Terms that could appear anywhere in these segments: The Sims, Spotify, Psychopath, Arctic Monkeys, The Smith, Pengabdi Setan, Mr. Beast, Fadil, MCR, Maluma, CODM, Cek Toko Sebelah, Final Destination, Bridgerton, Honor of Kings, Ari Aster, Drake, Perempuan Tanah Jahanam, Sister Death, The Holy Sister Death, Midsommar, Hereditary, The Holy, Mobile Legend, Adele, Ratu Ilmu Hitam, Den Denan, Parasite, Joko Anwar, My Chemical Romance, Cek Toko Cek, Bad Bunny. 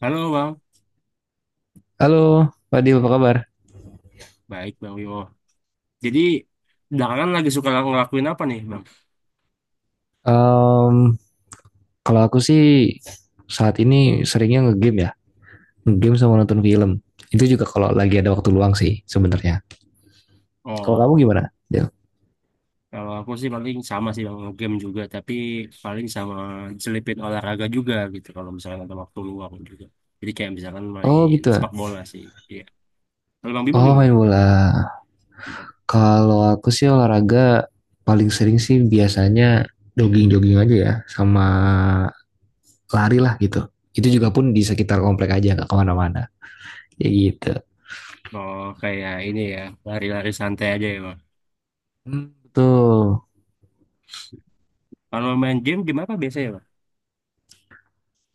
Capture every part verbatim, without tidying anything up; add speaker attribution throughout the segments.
Speaker 1: Halo Bang,
Speaker 2: Halo, Fadil, apa kabar?
Speaker 1: baik Bang Yo. Jadi belakangan lagi suka ngelakuin apa nih Bang?
Speaker 2: Em, kalau aku sih saat ini seringnya ngegame ya, ngegame sama nonton film. Itu juga kalau lagi ada waktu luang sih sebenarnya. Kalau kamu
Speaker 1: Oh,
Speaker 2: gimana, Del?
Speaker 1: kalau aku sih paling sama sih Bang, game juga, tapi paling sama selipin olahraga juga gitu, kalau misalkan ada waktu luang juga. Jadi kayak misalkan
Speaker 2: Oh
Speaker 1: main
Speaker 2: gitu, ya.
Speaker 1: sepak bola sih, iya. Kalau Bang Bimo
Speaker 2: Oh
Speaker 1: gimana?
Speaker 2: main bola. Kalau aku sih olahraga paling sering sih biasanya jogging-jogging aja ya, sama lari lah gitu. Itu juga pun di sekitar komplek aja, nggak kemana-mana. Ya gitu.
Speaker 1: Oh, kayak ini ya, lari-lari santai aja ya Bang.
Speaker 2: Hmm, betul.
Speaker 1: Kalau main game game gimana biasanya Bang?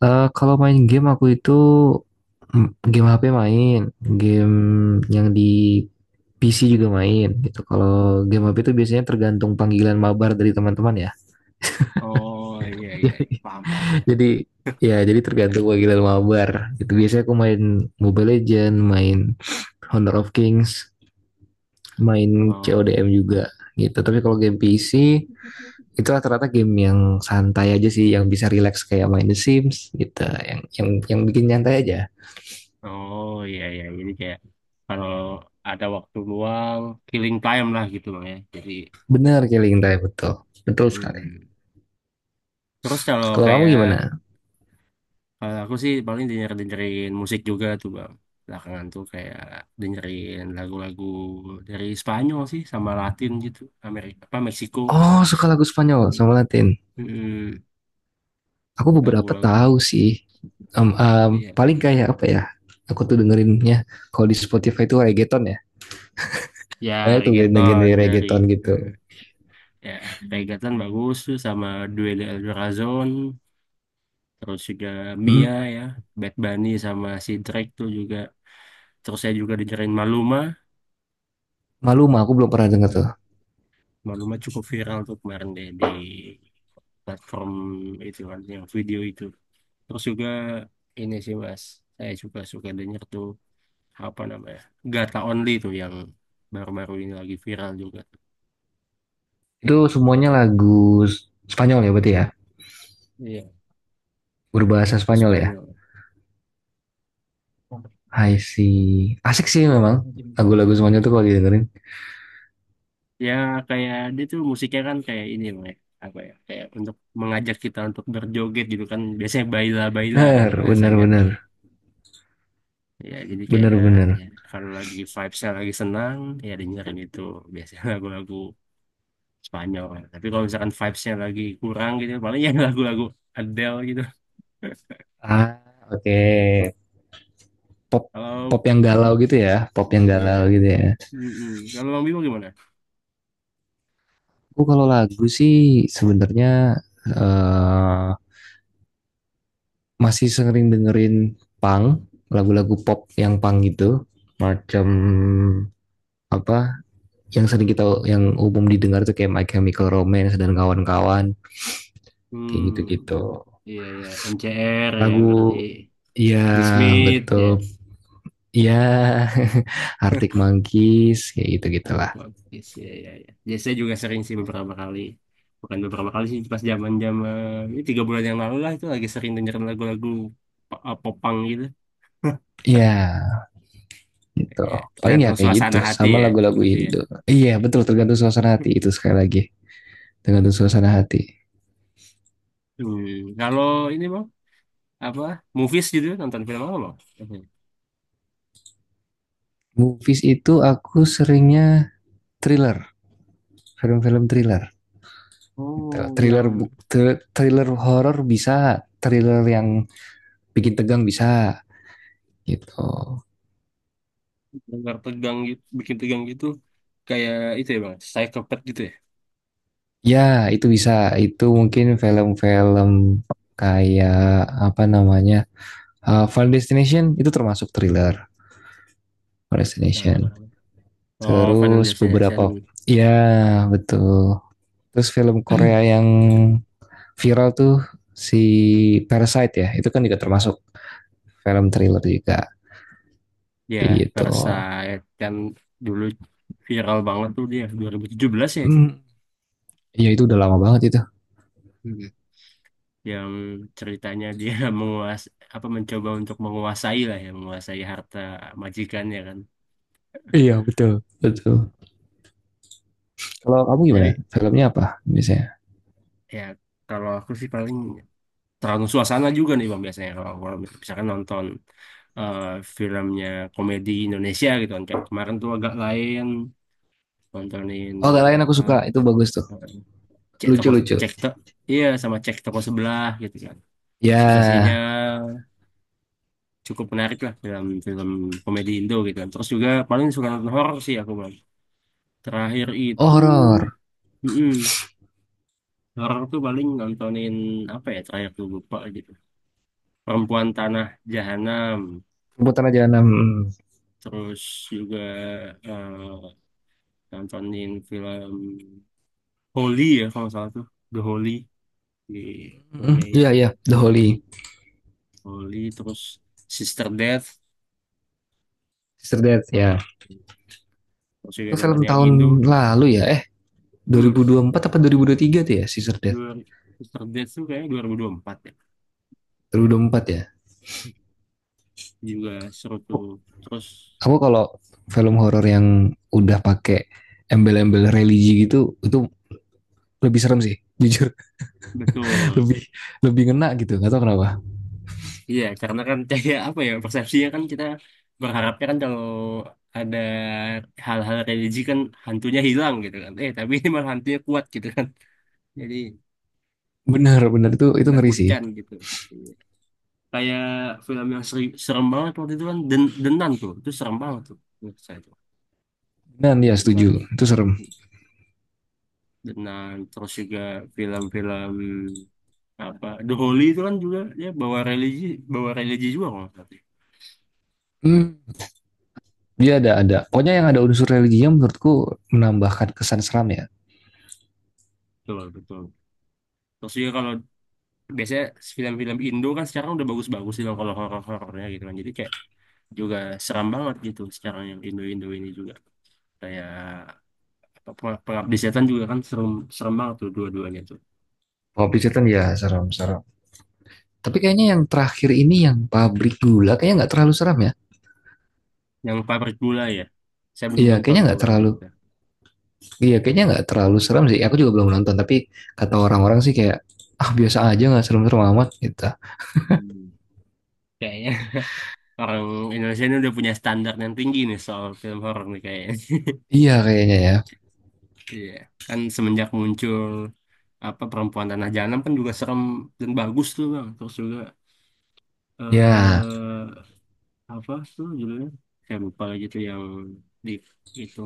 Speaker 2: Eh, kalau main game aku itu mm, game H P main, game yang di P C juga main gitu. Kalau game H P itu biasanya tergantung panggilan mabar dari teman-teman ya.
Speaker 1: Oh, iya, iya, paham, paham.
Speaker 2: Jadi, ya, jadi tergantung panggilan mabar. Itu biasanya aku main Mobile Legend, main Honor of Kings, main
Speaker 1: Oh.
Speaker 2: C O D M juga gitu. Tapi kalau game P C itu rata-rata game yang santai aja sih, yang bisa relax kayak main The Sims gitu, yang yang yang bikin nyantai aja.
Speaker 1: Oh iya iya jadi kayak kalau ada waktu luang killing time lah gitu bang ya. Jadi
Speaker 2: Benar, killing time, betul. Betul sekali.
Speaker 1: mm-mm. Terus kalau
Speaker 2: Kalau kamu
Speaker 1: kayak
Speaker 2: gimana?
Speaker 1: kalau aku sih paling denger dengerin musik juga tuh bang. Belakangan tuh kayak dengerin lagu-lagu dari Spanyol sih sama Latin gitu Amerika apa Meksiko.
Speaker 2: Oh, suka lagu Spanyol
Speaker 1: Mm.
Speaker 2: sama Latin.
Speaker 1: Mm-mm.
Speaker 2: Aku beberapa
Speaker 1: Lagu-lagu.
Speaker 2: tahu sih. Em, em,
Speaker 1: Iya.
Speaker 2: paling kayak apa ya? Aku tuh dengerinnya kalau di Spotify itu reggaeton ya.
Speaker 1: Ya
Speaker 2: Banyak tuh
Speaker 1: reggaeton
Speaker 2: genre-genre
Speaker 1: dari
Speaker 2: reggaeton gitu.
Speaker 1: mm, ya reggaeton bagus tuh sama Duel de El Corazon terus juga
Speaker 2: Hmm,
Speaker 1: Mia ya Bad Bunny sama si Drake tuh juga, terus saya juga dengerin Maluma.
Speaker 2: malu mah aku belum pernah denger
Speaker 1: Hmm.
Speaker 2: tuh.
Speaker 1: Maluma cukup viral tuh kemarin deh di platform itu kan, yang video itu. Terus juga ini sih mas, saya juga suka denger tuh apa namanya Gata Only tuh yang baru-baru ini lagi viral juga.
Speaker 2: Itu semuanya lagu Spanyol ya berarti ya?
Speaker 1: Iya,
Speaker 2: Berbahasa
Speaker 1: lagu
Speaker 2: Spanyol ya?
Speaker 1: Spanyol.
Speaker 2: I see. Asik sih memang. Lagu-lagu Spanyol tuh kalau didengerin.
Speaker 1: Ya kayak dia tuh musiknya kan kayak ini loh ya, apa ya, kayak untuk mengajak kita untuk berjoget gitu kan, biasanya baila baila kan
Speaker 2: Bener, bener,
Speaker 1: bahasanya tuh.
Speaker 2: bener.
Speaker 1: Ya jadi
Speaker 2: Bener,
Speaker 1: kayak
Speaker 2: bener.
Speaker 1: ya, kalau lagi vibesnya lagi senang ya dengerin itu biasanya lagu-lagu Spanyol kan. Tapi kalau misalkan vibesnya lagi kurang gitu paling ya lagu-lagu Adele gitu.
Speaker 2: Ah, oke. Okay. Pop,
Speaker 1: Kalau
Speaker 2: pop yang galau gitu ya, pop yang
Speaker 1: iya.
Speaker 2: galau gitu ya.
Speaker 1: Mm-mm. Kalau Bang Bimo gimana?
Speaker 2: Aku kalau lagu sih sebenarnya eh, masih sering dengerin punk, lagu-lagu pop yang punk gitu, macam apa yang sering kita yang umum didengar tuh kayak My Chemical Romance dan kawan-kawan kayak
Speaker 1: Hmm,
Speaker 2: gitu-gitu.
Speaker 1: iya iya M C R ya
Speaker 2: Lagu,
Speaker 1: berarti.
Speaker 2: ya,
Speaker 1: The Smith ya.
Speaker 2: betul, ya. Arctic Monkeys kayak
Speaker 1: Praktek
Speaker 2: gitu-gitulah.
Speaker 1: logis ya ya ya. Ya, saya juga sering sih beberapa kali. Bukan beberapa kali sih, pas zaman-zaman ini tiga bulan yang lalu lah itu lagi sering dengerin lagu-lagu po- eh, popang gitu.
Speaker 2: Ya, gitu.
Speaker 1: Ya,
Speaker 2: Paling ya
Speaker 1: tergantung
Speaker 2: kayak gitu
Speaker 1: suasana hati
Speaker 2: sama
Speaker 1: ya,
Speaker 2: lagu-lagu
Speaker 1: berarti ya.
Speaker 2: Indo. Iya, betul, tergantung suasana hati itu sekali lagi. Tergantung suasana hati.
Speaker 1: Hmm, kalau ini bang, apa movies gitu, nonton film apa bang? Mhm.
Speaker 2: Movies itu aku seringnya thriller, film-film thriller gitu.
Speaker 1: Oh,
Speaker 2: Thriller
Speaker 1: yang
Speaker 2: bu- thriller horor bisa, thriller yang bikin tegang bisa gitu.
Speaker 1: tegang tegang gitu, bikin tegang gitu kayak itu ya bang, Psychopath gitu ya.
Speaker 2: Ya, itu bisa. Itu mungkin film-film kayak apa namanya? Uh, Final Destination itu termasuk thriller. Final
Speaker 1: Nah, nah,
Speaker 2: Destination.
Speaker 1: nah. Oh, Final
Speaker 2: Terus beberapa,
Speaker 1: Destination.
Speaker 2: ya, betul. Terus film Korea yang viral tuh si Parasite ya, itu kan juga termasuk film thriller juga
Speaker 1: Ya,
Speaker 2: gitu.
Speaker 1: Parasite kan dulu viral banget tuh dia dua nol satu tujuh ya itu.
Speaker 2: Hmm, ya itu udah lama banget itu.
Speaker 1: Hmm. Yang ceritanya dia menguas apa mencoba untuk menguasai lah ya, menguasai harta majikannya kan.
Speaker 2: Iya betul. Betul. Kalau kamu gimana?
Speaker 1: Tapi
Speaker 2: Filmnya apa biasanya?
Speaker 1: ya kalau aku sih paling tergantung suasana juga nih Bang, biasanya kalau kalau misalkan nonton eh, filmnya komedi Indonesia gitu kan, kayak kemarin tuh agak lain nontonin
Speaker 2: Oh, gak lain aku
Speaker 1: apa,
Speaker 2: suka. Itu bagus tuh.
Speaker 1: eh, cek toko
Speaker 2: Lucu-lucu.
Speaker 1: cek to iya sama cek toko sebelah gitu kan. Situasinya
Speaker 2: Ya,
Speaker 1: cukup menarik lah dalam film komedi Indo gitu kan. Terus juga paling suka nonton horor sih aku bang. Terakhir
Speaker 2: oh,
Speaker 1: itu
Speaker 2: horor.
Speaker 1: mm-mm, horor tuh paling nontonin apa ya, terakhir tuh lupa gitu. Perempuan Tanah Jahanam.
Speaker 2: Perbuatan aja enam.
Speaker 1: Terus juga eh, nontonin film Holy ya kalau nggak salah tuh, The Holy di filmnya ini
Speaker 2: Iya, iya. The
Speaker 1: Amerika.
Speaker 2: Holy.
Speaker 1: Holy, terus Sister Death.
Speaker 2: Sister Death, ya.
Speaker 1: Kalau terus juga
Speaker 2: Itu film
Speaker 1: nonton yang
Speaker 2: tahun
Speaker 1: Indo.
Speaker 2: lalu ya? Eh,
Speaker 1: Hmm.
Speaker 2: dua ribu dua puluh empat apa dua ribu dua puluh tiga tuh ya Sister Death?
Speaker 1: Dua mister Beast tuh kayaknya dua nol dua empat ya,
Speaker 2: dua ribu dua puluh empat ya.
Speaker 1: juga seru tuh terus.
Speaker 2: Aku kalau film horor yang udah pakai embel-embel religi gitu itu lebih serem sih, jujur,
Speaker 1: Betul,
Speaker 2: lebih lebih ngena gitu nggak tahu kenapa.
Speaker 1: iya karena kan kayak apa ya, persepsinya kan kita berharapnya kan kalau ada hal-hal religi kan hantunya hilang gitu kan, eh tapi ini malah hantunya kuat gitu kan, jadi
Speaker 2: Benar, benar, itu itu ngeri sih.
Speaker 1: menakutkan gitu. Iya. Kayak film yang seri- serem banget waktu itu kan Den Denan tuh, itu serem banget tuh menurut saya tuh.
Speaker 2: Dan ya,
Speaker 1: Film Denan
Speaker 2: setuju, itu serem.
Speaker 1: Denan. Terus juga film-film apa The Holy itu kan juga ya bawa religi, bawa religi juga kalau nggak salah sih.
Speaker 2: Hmm, dia ada ada pokoknya yang ada unsur religinya menurutku menambahkan kesan seram ya.
Speaker 1: Betul betul, terus juga kalau biasanya film-film Indo kan sekarang udah bagus-bagus sih Bang, kalau horor-horornya gitu kan jadi kayak juga seram banget gitu sekarang, yang Indo-Indo ini juga kayak apa Peng- Pengabdi Setan juga kan serem, serem banget tuh dua-duanya tuh.
Speaker 2: Kalau Bridgerton ya serem serem, tapi kayaknya yang terakhir ini yang pabrik gula kayaknya nggak terlalu serem ya.
Speaker 1: Yang Pabrik Gula ya, saya belum
Speaker 2: Iya,
Speaker 1: nonton
Speaker 2: kayaknya
Speaker 1: tuh
Speaker 2: nggak
Speaker 1: bang
Speaker 2: terlalu.
Speaker 1: yang itu.
Speaker 2: Iya, kayaknya nggak terlalu serem sih. Aku juga belum nonton, tapi kata orang-orang sih kayak, ah, biasa aja, nggak serem-serem amat gitu.
Speaker 1: Hmm. Kayaknya orang Indonesia ini udah punya standar yang tinggi nih soal film horor nih kayaknya.
Speaker 2: Iya kayaknya ya.
Speaker 1: Iya, kan semenjak muncul apa perempuan tanah jahanam kan juga serem dan bagus tuh bang. Terus juga
Speaker 2: Ya,
Speaker 1: eh, apa tuh judulnya, saya lupa lagi tuh yang di itu,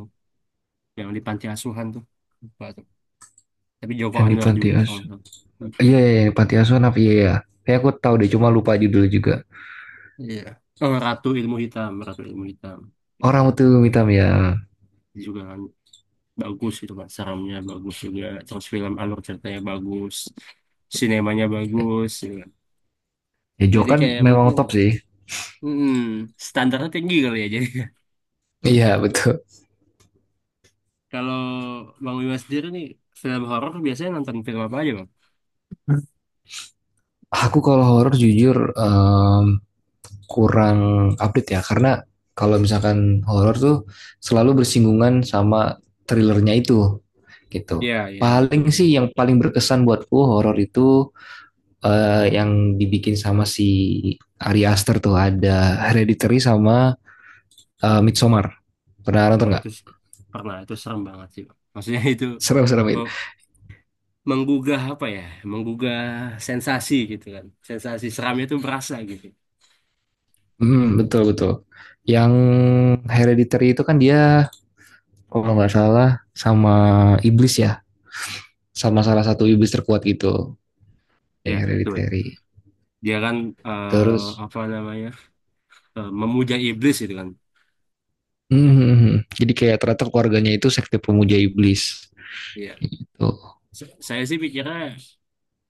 Speaker 1: yang di panti asuhan tuh, lupa tuh, tapi Joko
Speaker 2: yang di
Speaker 1: Anwar
Speaker 2: Panti
Speaker 1: juga. Oh
Speaker 2: Asuhan. Iya, iya, yang di Panti Asuhan apa? Iya, ya. Kayak aku tahu deh, cuma lupa judul juga.
Speaker 1: iya, oh Ratu Ilmu Hitam, Ratu Ilmu Hitam. Iya
Speaker 2: Orang
Speaker 1: sih.
Speaker 2: itu hitam ya.
Speaker 1: Itu juga kan bagus itu kan, seramnya bagus juga, terus film alur ceritanya bagus, sinemanya bagus gitu kan.
Speaker 2: Ya, Jo
Speaker 1: Jadi
Speaker 2: kan
Speaker 1: kayak
Speaker 2: memang
Speaker 1: mungkin
Speaker 2: top sih.
Speaker 1: hmm, standarnya tinggi kali ya jadi.
Speaker 2: Iya, betul.
Speaker 1: Kalau Bang Wimas sendiri nih, film horor biasanya nonton film apa aja, Bang?
Speaker 2: Aku kalau horor jujur, em, kurang update ya, karena kalau misalkan horor tuh selalu bersinggungan sama thrillernya itu gitu.
Speaker 1: Iya, iya, betul.
Speaker 2: Paling sih yang paling berkesan buatku horor itu eh, yang dibikin sama si Ari Aster tuh ada Hereditary sama eh, Midsommar. Pernah
Speaker 1: Ya,
Speaker 2: nonton nggak?
Speaker 1: itu s- pernah. Itu serem banget sih, Bang. Maksudnya itu
Speaker 2: Serem-serem itu.
Speaker 1: me- menggugah apa ya? Menggugah sensasi gitu kan. Sensasi seramnya itu berasa gitu.
Speaker 2: Hmm, betul betul. Yang Hereditary itu kan dia kalau nggak salah sama iblis ya, sama salah satu iblis terkuat gitu yang
Speaker 1: Ya, betul.
Speaker 2: Hereditary.
Speaker 1: Dia kan eh,
Speaker 2: Terus
Speaker 1: apa namanya? eh, memuja iblis gitu kan.
Speaker 2: Mhm. Jadi kayak ternyata keluarganya itu sekte pemuja iblis
Speaker 1: Iya.
Speaker 2: gitu.
Speaker 1: S- Saya sih pikirnya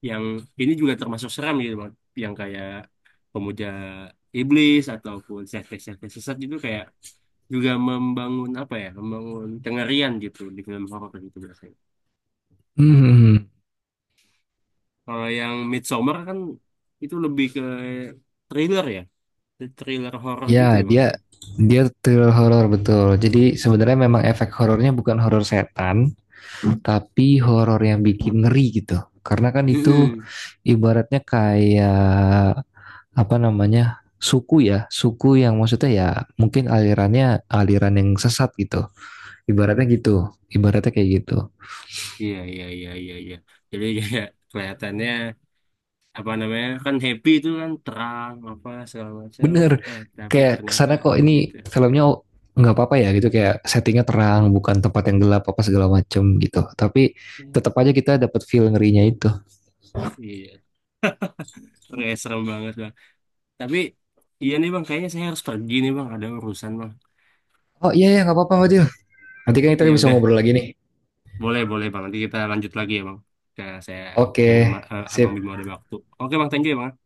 Speaker 1: yang ini juga termasuk seram gitu, Bang. Yang kayak pemuja iblis ataupun sekte-sekte sesat itu kayak juga membangun apa ya, membangun kengerian gitu di film horor gitu biasanya.
Speaker 2: Mhm.
Speaker 1: Kalau yang Midsommar kan itu lebih ke thriller ya, thriller horor gitu ya
Speaker 2: Ya,
Speaker 1: bang aja.
Speaker 2: dia dia thriller horor betul. Jadi sebenarnya memang efek horornya bukan horor setan, tapi horor yang bikin ngeri gitu. Karena kan itu
Speaker 1: Mm-mm.
Speaker 2: ibaratnya kayak apa namanya? Suku ya, suku yang maksudnya ya mungkin alirannya aliran yang sesat gitu. Ibaratnya gitu, ibaratnya kayak gitu.
Speaker 1: Iya iya iya iya iya, jadi kayak kelihatannya apa namanya kan happy itu kan, terang apa segala macam,
Speaker 2: Bener,
Speaker 1: eh tapi
Speaker 2: kayak
Speaker 1: ternyata
Speaker 2: kesana kok ini
Speaker 1: gitu.
Speaker 2: filmnya, oh, nggak apa-apa ya gitu, kayak settingnya terang bukan tempat yang gelap apa segala macem gitu, tapi tetap
Speaker 1: Yes.
Speaker 2: aja kita dapat feel ngerinya itu.
Speaker 1: Iya, kayak serem banget bang. Tapi iya nih bang, kayaknya saya harus pergi nih bang, ada urusan bang.
Speaker 2: Oh iya ya, nggak apa-apa Fadil, nanti kan kita
Speaker 1: Ya
Speaker 2: bisa
Speaker 1: udah.
Speaker 2: ngobrol lagi nih.
Speaker 1: Boleh, boleh Bang. Nanti kita lanjut lagi ya Bang. Ke saya
Speaker 2: Oke.
Speaker 1: dan Abang
Speaker 2: Sip.
Speaker 1: Bimo ada waktu. Oke Bang, thank you ya Bang. Ya.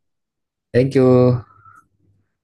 Speaker 2: Thank you.